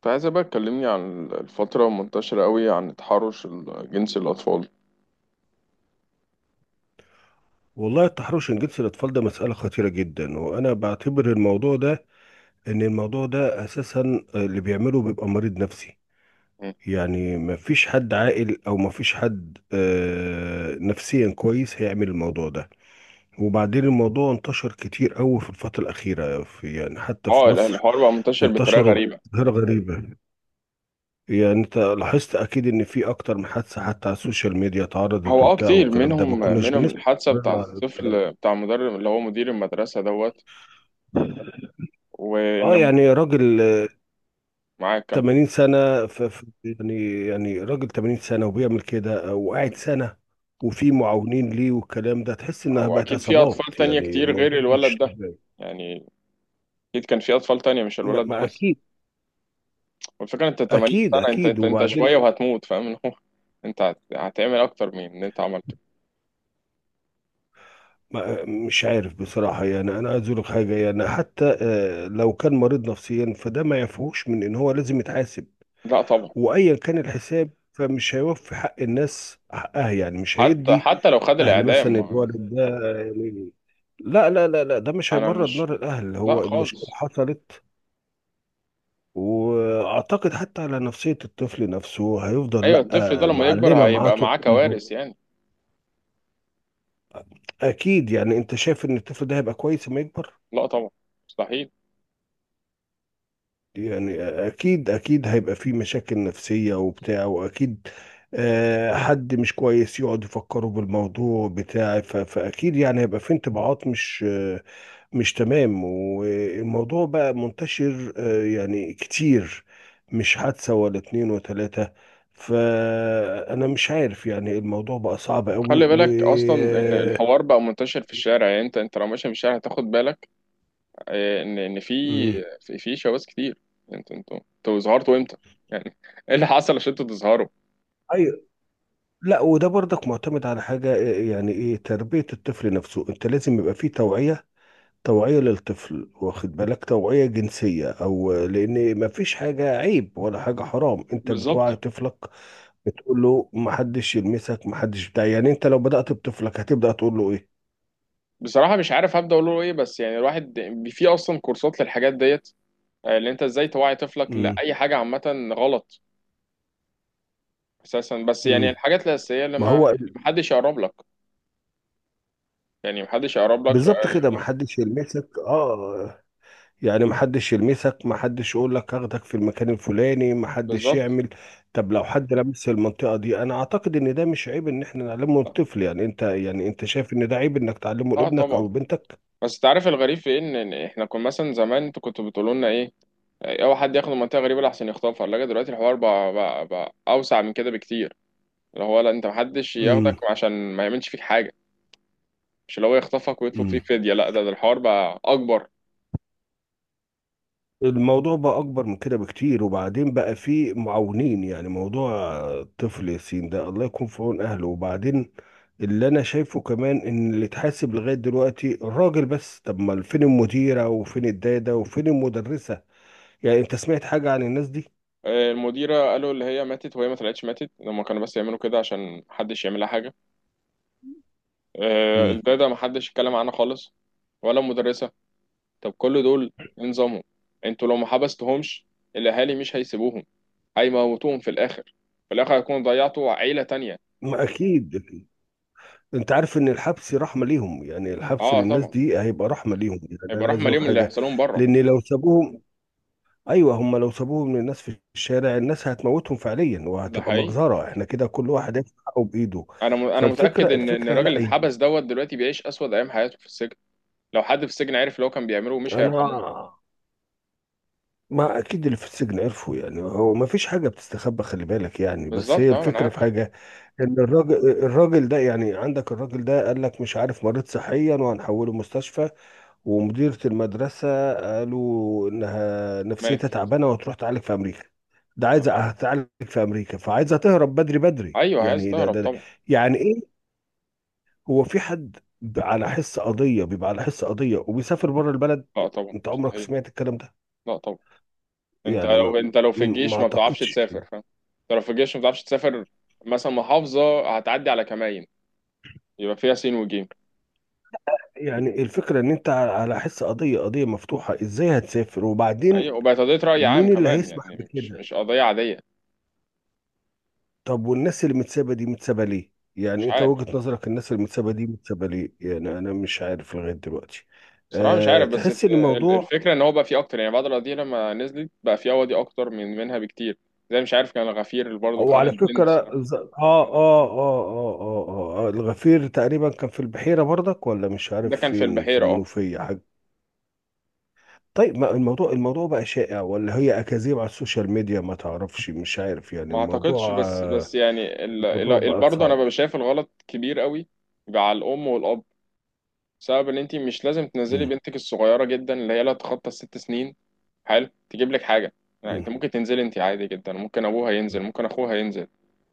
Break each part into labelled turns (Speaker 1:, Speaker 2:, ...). Speaker 1: كنت عايزة بقى تكلمني عن الفترة منتشرة قوي عن تحرش جنس الأطفال.
Speaker 2: والله التحرش الجنسي للأطفال ده مسألة خطيرة جدا، وأنا بعتبر الموضوع ده إن الموضوع ده أساسا اللي بيعمله بيبقى مريض نفسي.
Speaker 1: مم.
Speaker 2: يعني مفيش حد عاقل أو مفيش حد نفسيا كويس هيعمل الموضوع ده. وبعدين الموضوع انتشر كتير أوي في الفترة الأخيرة، في يعني حتى في مصر
Speaker 1: الحوار بقى منتشر بطريقة
Speaker 2: انتشروا
Speaker 1: غريبة.
Speaker 2: بظاهرة غريبة. يعني أنت لاحظت أكيد إن في أكتر من حادثة حتى على السوشيال ميديا اتعرضت
Speaker 1: هو
Speaker 2: وبتاع،
Speaker 1: كتير
Speaker 2: والكلام ده ما
Speaker 1: منهم
Speaker 2: كناش
Speaker 1: منهم
Speaker 2: بنسمع
Speaker 1: الحادثة بتاع
Speaker 2: عن الكلام ده.
Speaker 1: الطفل بتاع مدرب اللي هو مدير المدرسة دوت.
Speaker 2: اه
Speaker 1: وإن
Speaker 2: يعني راجل
Speaker 1: معاك كام؟
Speaker 2: 80 سنة يعني يعني راجل 80 سنة وبيعمل كده وقاعد سنة، وفي معاونين ليه والكلام ده، تحس انها
Speaker 1: أو
Speaker 2: بقت
Speaker 1: أكيد في
Speaker 2: عصابات،
Speaker 1: أطفال تانية
Speaker 2: يعني
Speaker 1: كتير غير
Speaker 2: الموضوع
Speaker 1: الولد
Speaker 2: مش
Speaker 1: ده.
Speaker 2: طبيعي.
Speaker 1: يعني أكيد كان في أطفال تانية مش
Speaker 2: ما,
Speaker 1: الولد
Speaker 2: ما
Speaker 1: ده بس.
Speaker 2: اكيد
Speaker 1: والفكرة أنت 80
Speaker 2: اكيد
Speaker 1: سنة، أنت
Speaker 2: اكيد.
Speaker 1: أنت أنت شوية
Speaker 2: وبعدين
Speaker 1: وهتموت، فاهم اللي هو أنت هتعمل أكتر من اللي أنت عملته.
Speaker 2: ما مش عارف بصراحة، يعني انا عايز اقول لك حاجة، يعني حتى لو كان مريض نفسيا فده ما يعفوش من ان هو لازم يتحاسب.
Speaker 1: لا طبعا.
Speaker 2: وايا كان الحساب فمش هيوفي حق الناس حقها، يعني مش
Speaker 1: حتى
Speaker 2: هيدي
Speaker 1: حتى لو خد
Speaker 2: اهل
Speaker 1: الإعدام
Speaker 2: مثلا
Speaker 1: يعني.
Speaker 2: الولد ده يعني. لا لا لا لا، ده مش
Speaker 1: أنا
Speaker 2: هيبرد
Speaker 1: مش،
Speaker 2: نار الاهل،
Speaker 1: لا
Speaker 2: هو المشكله
Speaker 1: خالص.
Speaker 2: حصلت. واعتقد حتى على نفسيه الطفل نفسه هيفضل
Speaker 1: ايوه، الطفل ده
Speaker 2: لا
Speaker 1: لما يكبر
Speaker 2: معلمه معاه
Speaker 1: هيبقى
Speaker 2: طول
Speaker 1: معاه
Speaker 2: عمره.
Speaker 1: كوارث يعني.
Speaker 2: اكيد. يعني انت شايف ان الطفل ده هيبقى كويس لما يكبر؟
Speaker 1: لا طبعا، مستحيل.
Speaker 2: يعني اكيد اكيد هيبقى فيه مشاكل نفسية وبتاع، واكيد حد مش كويس يقعد يفكره بالموضوع بتاع فاكيد يعني هيبقى فيه انطباعات مش مش تمام. والموضوع بقى منتشر يعني كتير، مش حادثة ولا اتنين وتلاتة. فانا مش عارف، يعني الموضوع بقى صعب قوي
Speaker 1: خلي
Speaker 2: و
Speaker 1: بالك اصلا ان
Speaker 2: آه،
Speaker 1: الحوار بقى منتشر في الشارع، يعني انت لو ماشي في الشارع هتاخد بالك ان في
Speaker 2: مم.
Speaker 1: في شواذ كتير. انتوا ظهرتوا امتى؟ يعني ايه اللي حصل عشان انتوا تظهروا؟
Speaker 2: أيوة. لا وده برضك معتمد على حاجة يعني ايه تربية الطفل نفسه. انت لازم يبقى فيه توعية، توعية للطفل، واخد بالك، توعية جنسية او لان ما فيش حاجة عيب ولا حاجة حرام، انت بتوعي
Speaker 1: بالظبط.
Speaker 2: طفلك، بتقول له ما حدش يلمسك ما حدش بتاع. يعني انت لو بدأت بطفلك هتبدأ تقول له ايه؟
Speaker 1: بصراحه مش عارف هبدا اقول له ايه، بس يعني الواحد في اصلا كورسات للحاجات ديت اللي انت ازاي توعي طفلك
Speaker 2: امم.
Speaker 1: لاي حاجه عامه غلط. اساسا، بس يعني
Speaker 2: امم.
Speaker 1: الحاجات الاساسيه اللي
Speaker 2: ما
Speaker 1: ما
Speaker 2: هو.
Speaker 1: محدش يقرب لك، يعني محدش يقرب لك.
Speaker 2: بالظبط كده، ما حدش يلمسك، اه يعني محدش يلمسك، محدش يقول لك اخدك في المكان الفلاني، محدش
Speaker 1: بالظبط،
Speaker 2: يعمل. طب لو حد لمس المنطقة دي، انا اعتقد ان ده مش عيب ان احنا نعلمه الطفل. يعني انت يعني انت شايف ان ده عيب انك تعلمه
Speaker 1: اه
Speaker 2: لابنك
Speaker 1: طبعا.
Speaker 2: او بنتك؟
Speaker 1: بس انت عارف الغريب في إيه؟ إن احنا كنا مثلا زمان انتوا كنتوا بتقولوا لنا ايه؟ اوعى حد ياخد منطقه غريبه لحسن يخطفها الثلاجه. دلوقتي الحوار بقى اوسع من كده بكتير. اللي هو لا، انت محدش ياخدك
Speaker 2: امم.
Speaker 1: عشان ما يعملش فيك حاجه، مش اللي هو يخطفك ويطلب فيك
Speaker 2: امم.
Speaker 1: فديه. لا، ده الحوار بقى اكبر.
Speaker 2: الموضوع بقى اكبر من كده بكتير. وبعدين بقى فيه معاونين، يعني موضوع طفل ياسين ده الله يكون في عون اهله. وبعدين اللي انا شايفه كمان ان اللي اتحاسب لغاية دلوقتي الراجل بس، طب ما فين المديرة وفين الدادة وفين المدرسة؟ يعني انت سمعت حاجة عن الناس دي؟
Speaker 1: المديره قالوا اللي هي ماتت، وهي ما طلعتش ماتت، هما كانوا بس يعملوا كده عشان محدش يعمل لها حاجه.
Speaker 2: امم.
Speaker 1: الداده محدش اتكلم عنها خالص، ولا المدرسه. طب كل دول إيه نظامهم؟ انتوا لو ما حبستهمش الاهالي مش هيسيبوهم، هيموتوهم في الاخر. في الاخر هيكونوا ضيعتوا عيله تانية.
Speaker 2: ما اكيد أكيد. انت عارف ان الحبس رحمة ليهم، يعني الحبس
Speaker 1: اه
Speaker 2: للناس
Speaker 1: طبعا،
Speaker 2: دي هيبقى رحمة ليهم. يعني
Speaker 1: هيبقى
Speaker 2: انا عايز
Speaker 1: رحمه
Speaker 2: اقول لك
Speaker 1: ليهم اللي
Speaker 2: حاجة،
Speaker 1: هيحصل لهم بره.
Speaker 2: لان لو سابوهم، ايوه هم لو سابوهم للناس في الشارع، الناس هتموتهم فعليا،
Speaker 1: ده
Speaker 2: وهتبقى
Speaker 1: حقيقي.
Speaker 2: مجزرة، احنا كده كل واحد هياخد حقه بايده.
Speaker 1: انا متاكد
Speaker 2: فالفكرة
Speaker 1: ان
Speaker 2: الفكرة
Speaker 1: الراجل
Speaker 2: لا.
Speaker 1: اللي اتحبس دوت دلوقتي بيعيش اسود ايام حياته في السجن. لو حد في السجن عرف اللي هو كان بيعمله مش
Speaker 2: انا
Speaker 1: هيرحموه.
Speaker 2: ما اكيد اللي في السجن عرفوا. يعني هو ما فيش حاجه بتستخبى، خلي بالك يعني. بس هي
Speaker 1: بالظبط، اه، ما انا
Speaker 2: الفكره في
Speaker 1: عارف.
Speaker 2: حاجه، ان الراجل الراجل ده، يعني عندك الراجل ده قال لك مش عارف مريض صحيا وهنحوله مستشفى. ومديره المدرسه قالوا انها
Speaker 1: مات.
Speaker 2: نفسيتها تعبانه وهتروح تعالج في امريكا. ده عايزه
Speaker 1: آه.
Speaker 2: هتعالج في امريكا، فعايزه تهرب بدري بدري.
Speaker 1: ايوه، عايز
Speaker 2: يعني ده
Speaker 1: تهرب
Speaker 2: ده, ده.
Speaker 1: طبعا.
Speaker 2: يعني ايه؟ هو في حد على حس قضيه بيبقى على حس قضيه وبيسافر بره البلد؟
Speaker 1: لا طبعا،
Speaker 2: انت عمرك
Speaker 1: مستحيل.
Speaker 2: سمعت الكلام ده؟
Speaker 1: لا طبعا. انت
Speaker 2: يعني ما
Speaker 1: لو انت لو في
Speaker 2: ما
Speaker 1: الجيش ما بتعرفش
Speaker 2: اعتقدش.
Speaker 1: تسافر، فاهم؟ انت لو في الجيش ما بتعرفش تسافر. مثلا محافظه هتعدي على كمائن، يبقى فيها سين وجيم.
Speaker 2: يعني الفكرة ان انت على على حس قضية، قضية مفتوحة ازاي هتسافر؟ وبعدين
Speaker 1: ايوه، وبقت قضية رأي عام
Speaker 2: مين اللي
Speaker 1: كمان،
Speaker 2: هيسمح
Speaker 1: يعني مش
Speaker 2: بكده؟
Speaker 1: مش قضية عادية.
Speaker 2: طب والناس اللي متسابة دي متسابة ليه؟
Speaker 1: مش
Speaker 2: يعني انت
Speaker 1: عارف،
Speaker 2: وجهة نظرك الناس اللي متسابة دي متسابة ليه؟ يعني انا مش عارف لغاية دلوقتي.
Speaker 1: بصراحة مش
Speaker 2: أه
Speaker 1: عارف، بس
Speaker 2: تحس ان الموضوع.
Speaker 1: الفكرة ان هو بقى فيه اكتر، يعني بعد القضية لما نزلت بقى فيه قواضي اكتر منها بكتير. زي مش عارف، كان الغفير اللي برضه
Speaker 2: او
Speaker 1: خد
Speaker 2: على
Speaker 1: البنت.
Speaker 2: فكرة الغفير تقريبا كان في البحيرة برضك ولا مش
Speaker 1: ده
Speaker 2: عارف
Speaker 1: كان في
Speaker 2: فين، في
Speaker 1: البحيرة، اه.
Speaker 2: المنوفية حاجة. طيب ما الموضوع، الموضوع بقى شائع ولا هي أكاذيب على السوشيال ميديا؟ ما تعرفش، مش عارف. يعني
Speaker 1: ما اعتقدش،
Speaker 2: الموضوع
Speaker 1: بس بس يعني
Speaker 2: الموضوع بقى
Speaker 1: برضه انا
Speaker 2: صعب.
Speaker 1: ببقى شايف الغلط كبير قوي. يبقى على الام والاب، بسبب ان انت مش لازم تنزلي
Speaker 2: مم.
Speaker 1: بنتك الصغيرة جدا اللي هي لا تتخطى 6 سنين حلو تجيب لك حاجة. يعني
Speaker 2: مم.
Speaker 1: انت ممكن تنزلي، انت عادي جدا، ممكن ابوها ينزل، ممكن اخوها ينزل.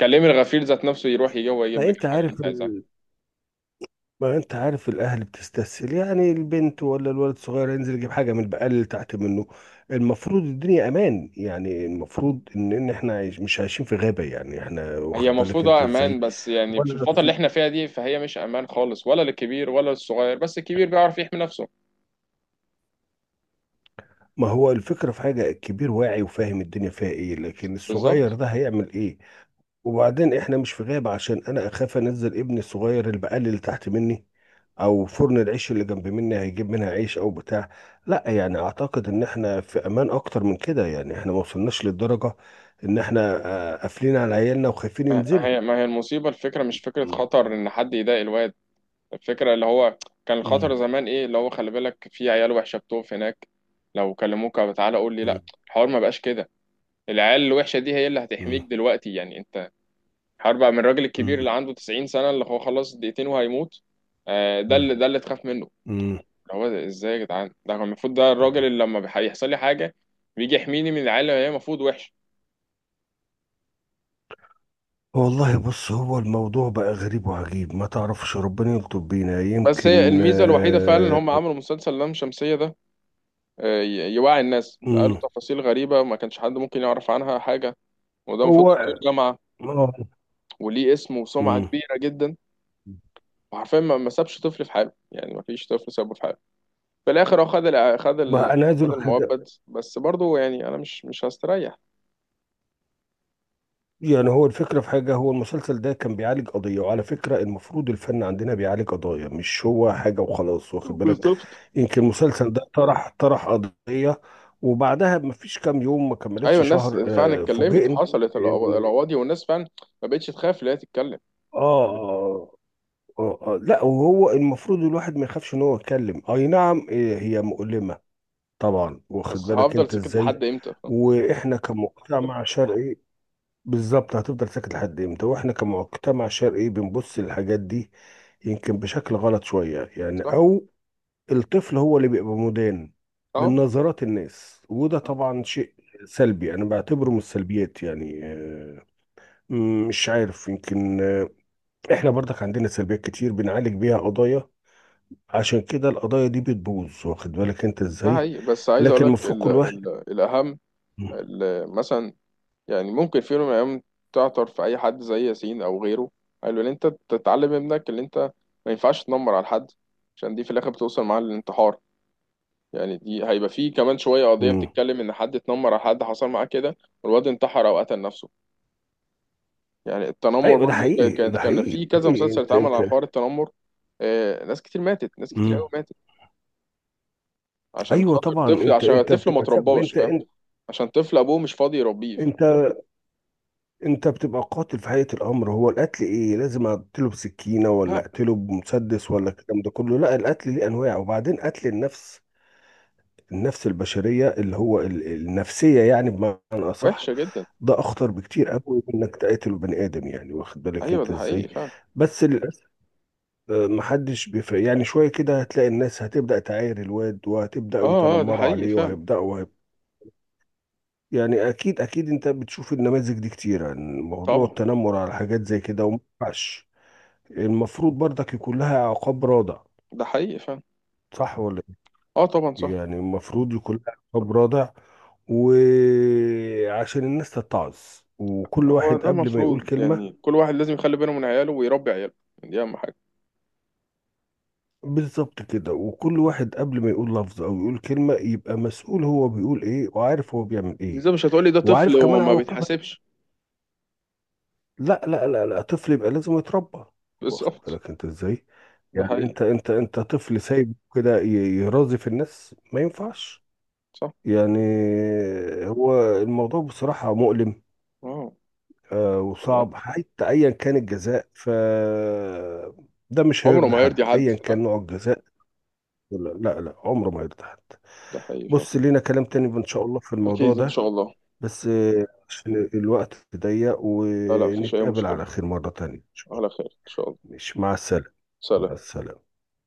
Speaker 1: كلمي الغفير ذات نفسه يروح يجي هو
Speaker 2: ما
Speaker 1: يجيب لك
Speaker 2: انت
Speaker 1: الحاجه اللي
Speaker 2: عارف
Speaker 1: انت عايزها.
Speaker 2: ما انت عارف الاهل بتستسهل، يعني البنت ولا الولد الصغير ينزل يجيب حاجه من البقال اللي تحت منه. المفروض الدنيا امان، يعني المفروض ان ان احنا عايش مش عايشين في غابه. يعني احنا
Speaker 1: هي
Speaker 2: واخد بالك
Speaker 1: المفروض
Speaker 2: انت
Speaker 1: امان،
Speaker 2: ازاي؟
Speaker 1: بس يعني في
Speaker 2: ولا
Speaker 1: الفتره اللي
Speaker 2: في.
Speaker 1: احنا فيها دي فهي مش امان خالص، ولا للكبير ولا للصغير، بس الكبير بيعرف يحمي نفسه.
Speaker 2: ما هو الفكره في حاجه، الكبير واعي وفاهم الدنيا فيها ايه، لكن
Speaker 1: بالظبط.
Speaker 2: الصغير ده هيعمل ايه؟ وبعدين احنا مش في غابة عشان انا اخاف انزل ابني الصغير البقال اللي تحت مني او فرن العيش اللي جنب مني هيجيب منها عيش او بتاع. لا، يعني اعتقد ان احنا في امان اكتر من كده. يعني احنا ما وصلناش للدرجة ان احنا قافلين على عيالنا وخايفين
Speaker 1: ما
Speaker 2: ينزلوا.
Speaker 1: هي ما هي المصيبه، الفكره مش فكره
Speaker 2: مم.
Speaker 1: خطر ان حد يضايق الواد. الفكره اللي هو كان الخطر
Speaker 2: مم.
Speaker 1: زمان ايه؟ اللي هو خلي بالك في عيال وحشه بتقف هناك، لو كلموك أو تعالى قول لي لا، الحوار ما بقاش كده. العيال الوحشه دي هي اللي هتحميك
Speaker 2: مم.
Speaker 1: دلوقتي، يعني انت الحوار بقى من الراجل الكبير اللي
Speaker 2: مم.
Speaker 1: عنده 90 سنه، اللي هو خلاص دقيقتين وهيموت. ده
Speaker 2: مم.
Speaker 1: اللي ده اللي تخاف منه.
Speaker 2: مم.
Speaker 1: اللي هو ده ازاي يا جدعان؟ ده كان المفروض ده الراجل اللي لما يحصل لي حاجه بيجي يحميني من العيال اللي هي المفروض وحشه.
Speaker 2: والله بص، هو الموضوع بقى غريب وعجيب، ما تعرفش، ربنا يلطف بينا
Speaker 1: بس هي
Speaker 2: يمكن
Speaker 1: الميزه الوحيده فعلا ان
Speaker 2: آه،
Speaker 1: هم عملوا مسلسل لام شمسيه ده، يوعي الناس. ده قالوا
Speaker 2: مم.
Speaker 1: تفاصيل غريبه ما كانش حد ممكن يعرف عنها حاجه. وده المفروض
Speaker 2: هو
Speaker 1: دكتور جامعه
Speaker 2: آه،
Speaker 1: وليه اسم وسمعه
Speaker 2: مم.
Speaker 1: كبيره جدا. وحرفيا ما سابش طفل في حاله، يعني ما فيش طفل سابه في حاله. في الاخر هو خد الع- خد ال-
Speaker 2: ما انا عايز اقول
Speaker 1: خد
Speaker 2: لك حاجه.
Speaker 1: المؤبد، بس برضه يعني انا مش هستريح.
Speaker 2: يعني هو الفكره في حاجه، هو المسلسل ده كان بيعالج قضيه. وعلى فكره المفروض الفن عندنا بيعالج قضايا، مش هو حاجه وخلاص، واخد بالك.
Speaker 1: بالظبط.
Speaker 2: يمكن المسلسل ده طرح، طرح قضيه، وبعدها ما فيش كام يوم ما
Speaker 1: ايوه،
Speaker 2: كملتش
Speaker 1: الناس
Speaker 2: شهر
Speaker 1: فعلا اتكلمت
Speaker 2: فوجئنا
Speaker 1: وحصلت
Speaker 2: إن-
Speaker 1: القواضي، والناس فعلا ما بقتش تخاف اللي هي تتكلم.
Speaker 2: آه, آه, لا، وهو المفروض الواحد ما يخافش ان هو يتكلم. اي نعم هي مؤلمه طبعا، واخد
Speaker 1: بس
Speaker 2: بالك
Speaker 1: هفضل
Speaker 2: انت
Speaker 1: ساكت
Speaker 2: ازاي.
Speaker 1: لحد امتى؟
Speaker 2: واحنا كمجتمع شرقي، بالظبط هتفضل ساكت لحد امتى؟ واحنا كمجتمع شرقي بنبص للحاجات دي يمكن بشكل غلط شوية يعني،
Speaker 1: صح،
Speaker 2: او الطفل هو اللي بيبقى مدان من
Speaker 1: اه،
Speaker 2: نظرات الناس. وده طبعا شيء سلبي، انا بعتبره من السلبيات يعني. مش عارف يمكن. احنا برضك عندنا سلبيات كتير بنعالج بيها قضايا، عشان كده القضايا دي بتبوظ، واخد بالك انت
Speaker 1: ده
Speaker 2: ازاي.
Speaker 1: حقيقي، بس عايز اقول
Speaker 2: لكن
Speaker 1: لك
Speaker 2: المفروض
Speaker 1: ال
Speaker 2: كل واحد
Speaker 1: ال الاهم.
Speaker 2: م-
Speaker 1: مثلا، يعني ممكن في يوم من الايام تعثر في اي حد زي ياسين او غيره، قالوا ان انت تتعلم ابنك ان انت ما ينفعش تنمر على حد، عشان دي في الاخر بتوصل معاه للانتحار. يعني دي هيبقى فيه كمان شويه قضيه
Speaker 2: م.
Speaker 1: بتتكلم ان حد اتنمر على حد، حصل معاه كده والواد انتحر او قتل نفسه. يعني التنمر
Speaker 2: ايوه ده
Speaker 1: برضو كان-
Speaker 2: حقيقي
Speaker 1: كانت
Speaker 2: ده
Speaker 1: كان
Speaker 2: حقيقي ده
Speaker 1: في كذا
Speaker 2: حقيقي،
Speaker 1: مسلسل
Speaker 2: انت
Speaker 1: اتعمل
Speaker 2: انت.
Speaker 1: على حوار التنمر. ناس كتير ماتت، ناس كتير
Speaker 2: مم.
Speaker 1: قوي ماتت عشان
Speaker 2: ايوه
Speaker 1: خاطر
Speaker 2: طبعا،
Speaker 1: طفل،
Speaker 2: انت
Speaker 1: عشان
Speaker 2: انت
Speaker 1: الطفل ما
Speaker 2: بتبقى سبب،
Speaker 1: ترباش،
Speaker 2: انت
Speaker 1: فاهم؟
Speaker 2: انت
Speaker 1: عشان طفل ابوه مش فاضي يربيه، فاهم؟
Speaker 2: انت انت بتبقى قاتل في حقيقه الامر. هو القتل ايه؟ لازم اقتله بسكينه ولا
Speaker 1: لا،
Speaker 2: اقتله بمسدس ولا الكلام ده كله؟ لا، القتل ليه انواع. وبعدين قتل النفس، النفس البشريه اللي هو النفسيه، يعني بمعنى اصح،
Speaker 1: وحشة جدا.
Speaker 2: ده اخطر بكتير قوي من انك تقتل بني ادم، يعني واخد بالك
Speaker 1: ايوه،
Speaker 2: انت
Speaker 1: ده حقيقي
Speaker 2: ازاي.
Speaker 1: فعلا.
Speaker 2: بس للاسف محدش بيفرق. يعني شويه كده هتلاقي الناس هتبدا تعاير الواد وهتبداوا
Speaker 1: اه، اه، ده
Speaker 2: يتنمروا
Speaker 1: حقيقي
Speaker 2: عليه
Speaker 1: فعلا.
Speaker 2: وهيبداوا. يعني اكيد اكيد انت بتشوف النماذج دي كتير عن موضوع
Speaker 1: طبعا،
Speaker 2: التنمر على حاجات زي كده، وما ينفعش. المفروض برضك يكون لها عقاب رادع.
Speaker 1: ده حقيقي فعلا.
Speaker 2: صح ولا
Speaker 1: اه طبعا،
Speaker 2: إيه؟
Speaker 1: صح.
Speaker 2: يعني المفروض يكون لها عقاب رادع، وعشان الناس تتعظ، وكل
Speaker 1: هو
Speaker 2: واحد
Speaker 1: ده
Speaker 2: قبل ما يقول
Speaker 1: المفروض،
Speaker 2: كلمة.
Speaker 1: يعني كل واحد لازم يخلي باله من عياله ويربي عياله، دي اهم حاجة.
Speaker 2: بالظبط كده، وكل واحد قبل ما يقول لفظ او يقول كلمة يبقى مسؤول، هو بيقول ايه وعارف هو بيعمل ايه،
Speaker 1: ازاي؟ مش هتقولي ده طفل
Speaker 2: وعارف كمان
Speaker 1: وما
Speaker 2: عواقبها.
Speaker 1: بيتحاسبش؟
Speaker 2: لا لا لا لا، طفل يبقى لازم يتربى، واخد
Speaker 1: بالظبط.
Speaker 2: بالك انت ازاي.
Speaker 1: ده
Speaker 2: يعني
Speaker 1: حقيقي،
Speaker 2: انت انت انت طفل سايب كده يرازي في الناس، ما ينفعش.
Speaker 1: صح،
Speaker 2: يعني هو الموضوع بصراحة مؤلم
Speaker 1: اه. لا،
Speaker 2: وصعب. حتى ايا كان الجزاء ف ده مش
Speaker 1: عمره
Speaker 2: هيرضي
Speaker 1: ما هيرضي
Speaker 2: حد
Speaker 1: حد،
Speaker 2: ايا
Speaker 1: لا.
Speaker 2: كان نوع الجزاء. لا لا، عمره ما هيرضي حد.
Speaker 1: ده حقيقي فعلا.
Speaker 2: بص لينا كلام تاني ان شاء الله في الموضوع
Speaker 1: أكيد إن
Speaker 2: ده،
Speaker 1: شاء الله.
Speaker 2: بس عشان الوقت ضيق،
Speaker 1: لا، لا، مفيش أي
Speaker 2: ونتقابل على
Speaker 1: مشكلة.
Speaker 2: خير مرة تانية إن شاء الله.
Speaker 1: على خير إن شاء الله.
Speaker 2: مش مع السلامة. مع
Speaker 1: سلام.
Speaker 2: السلامة.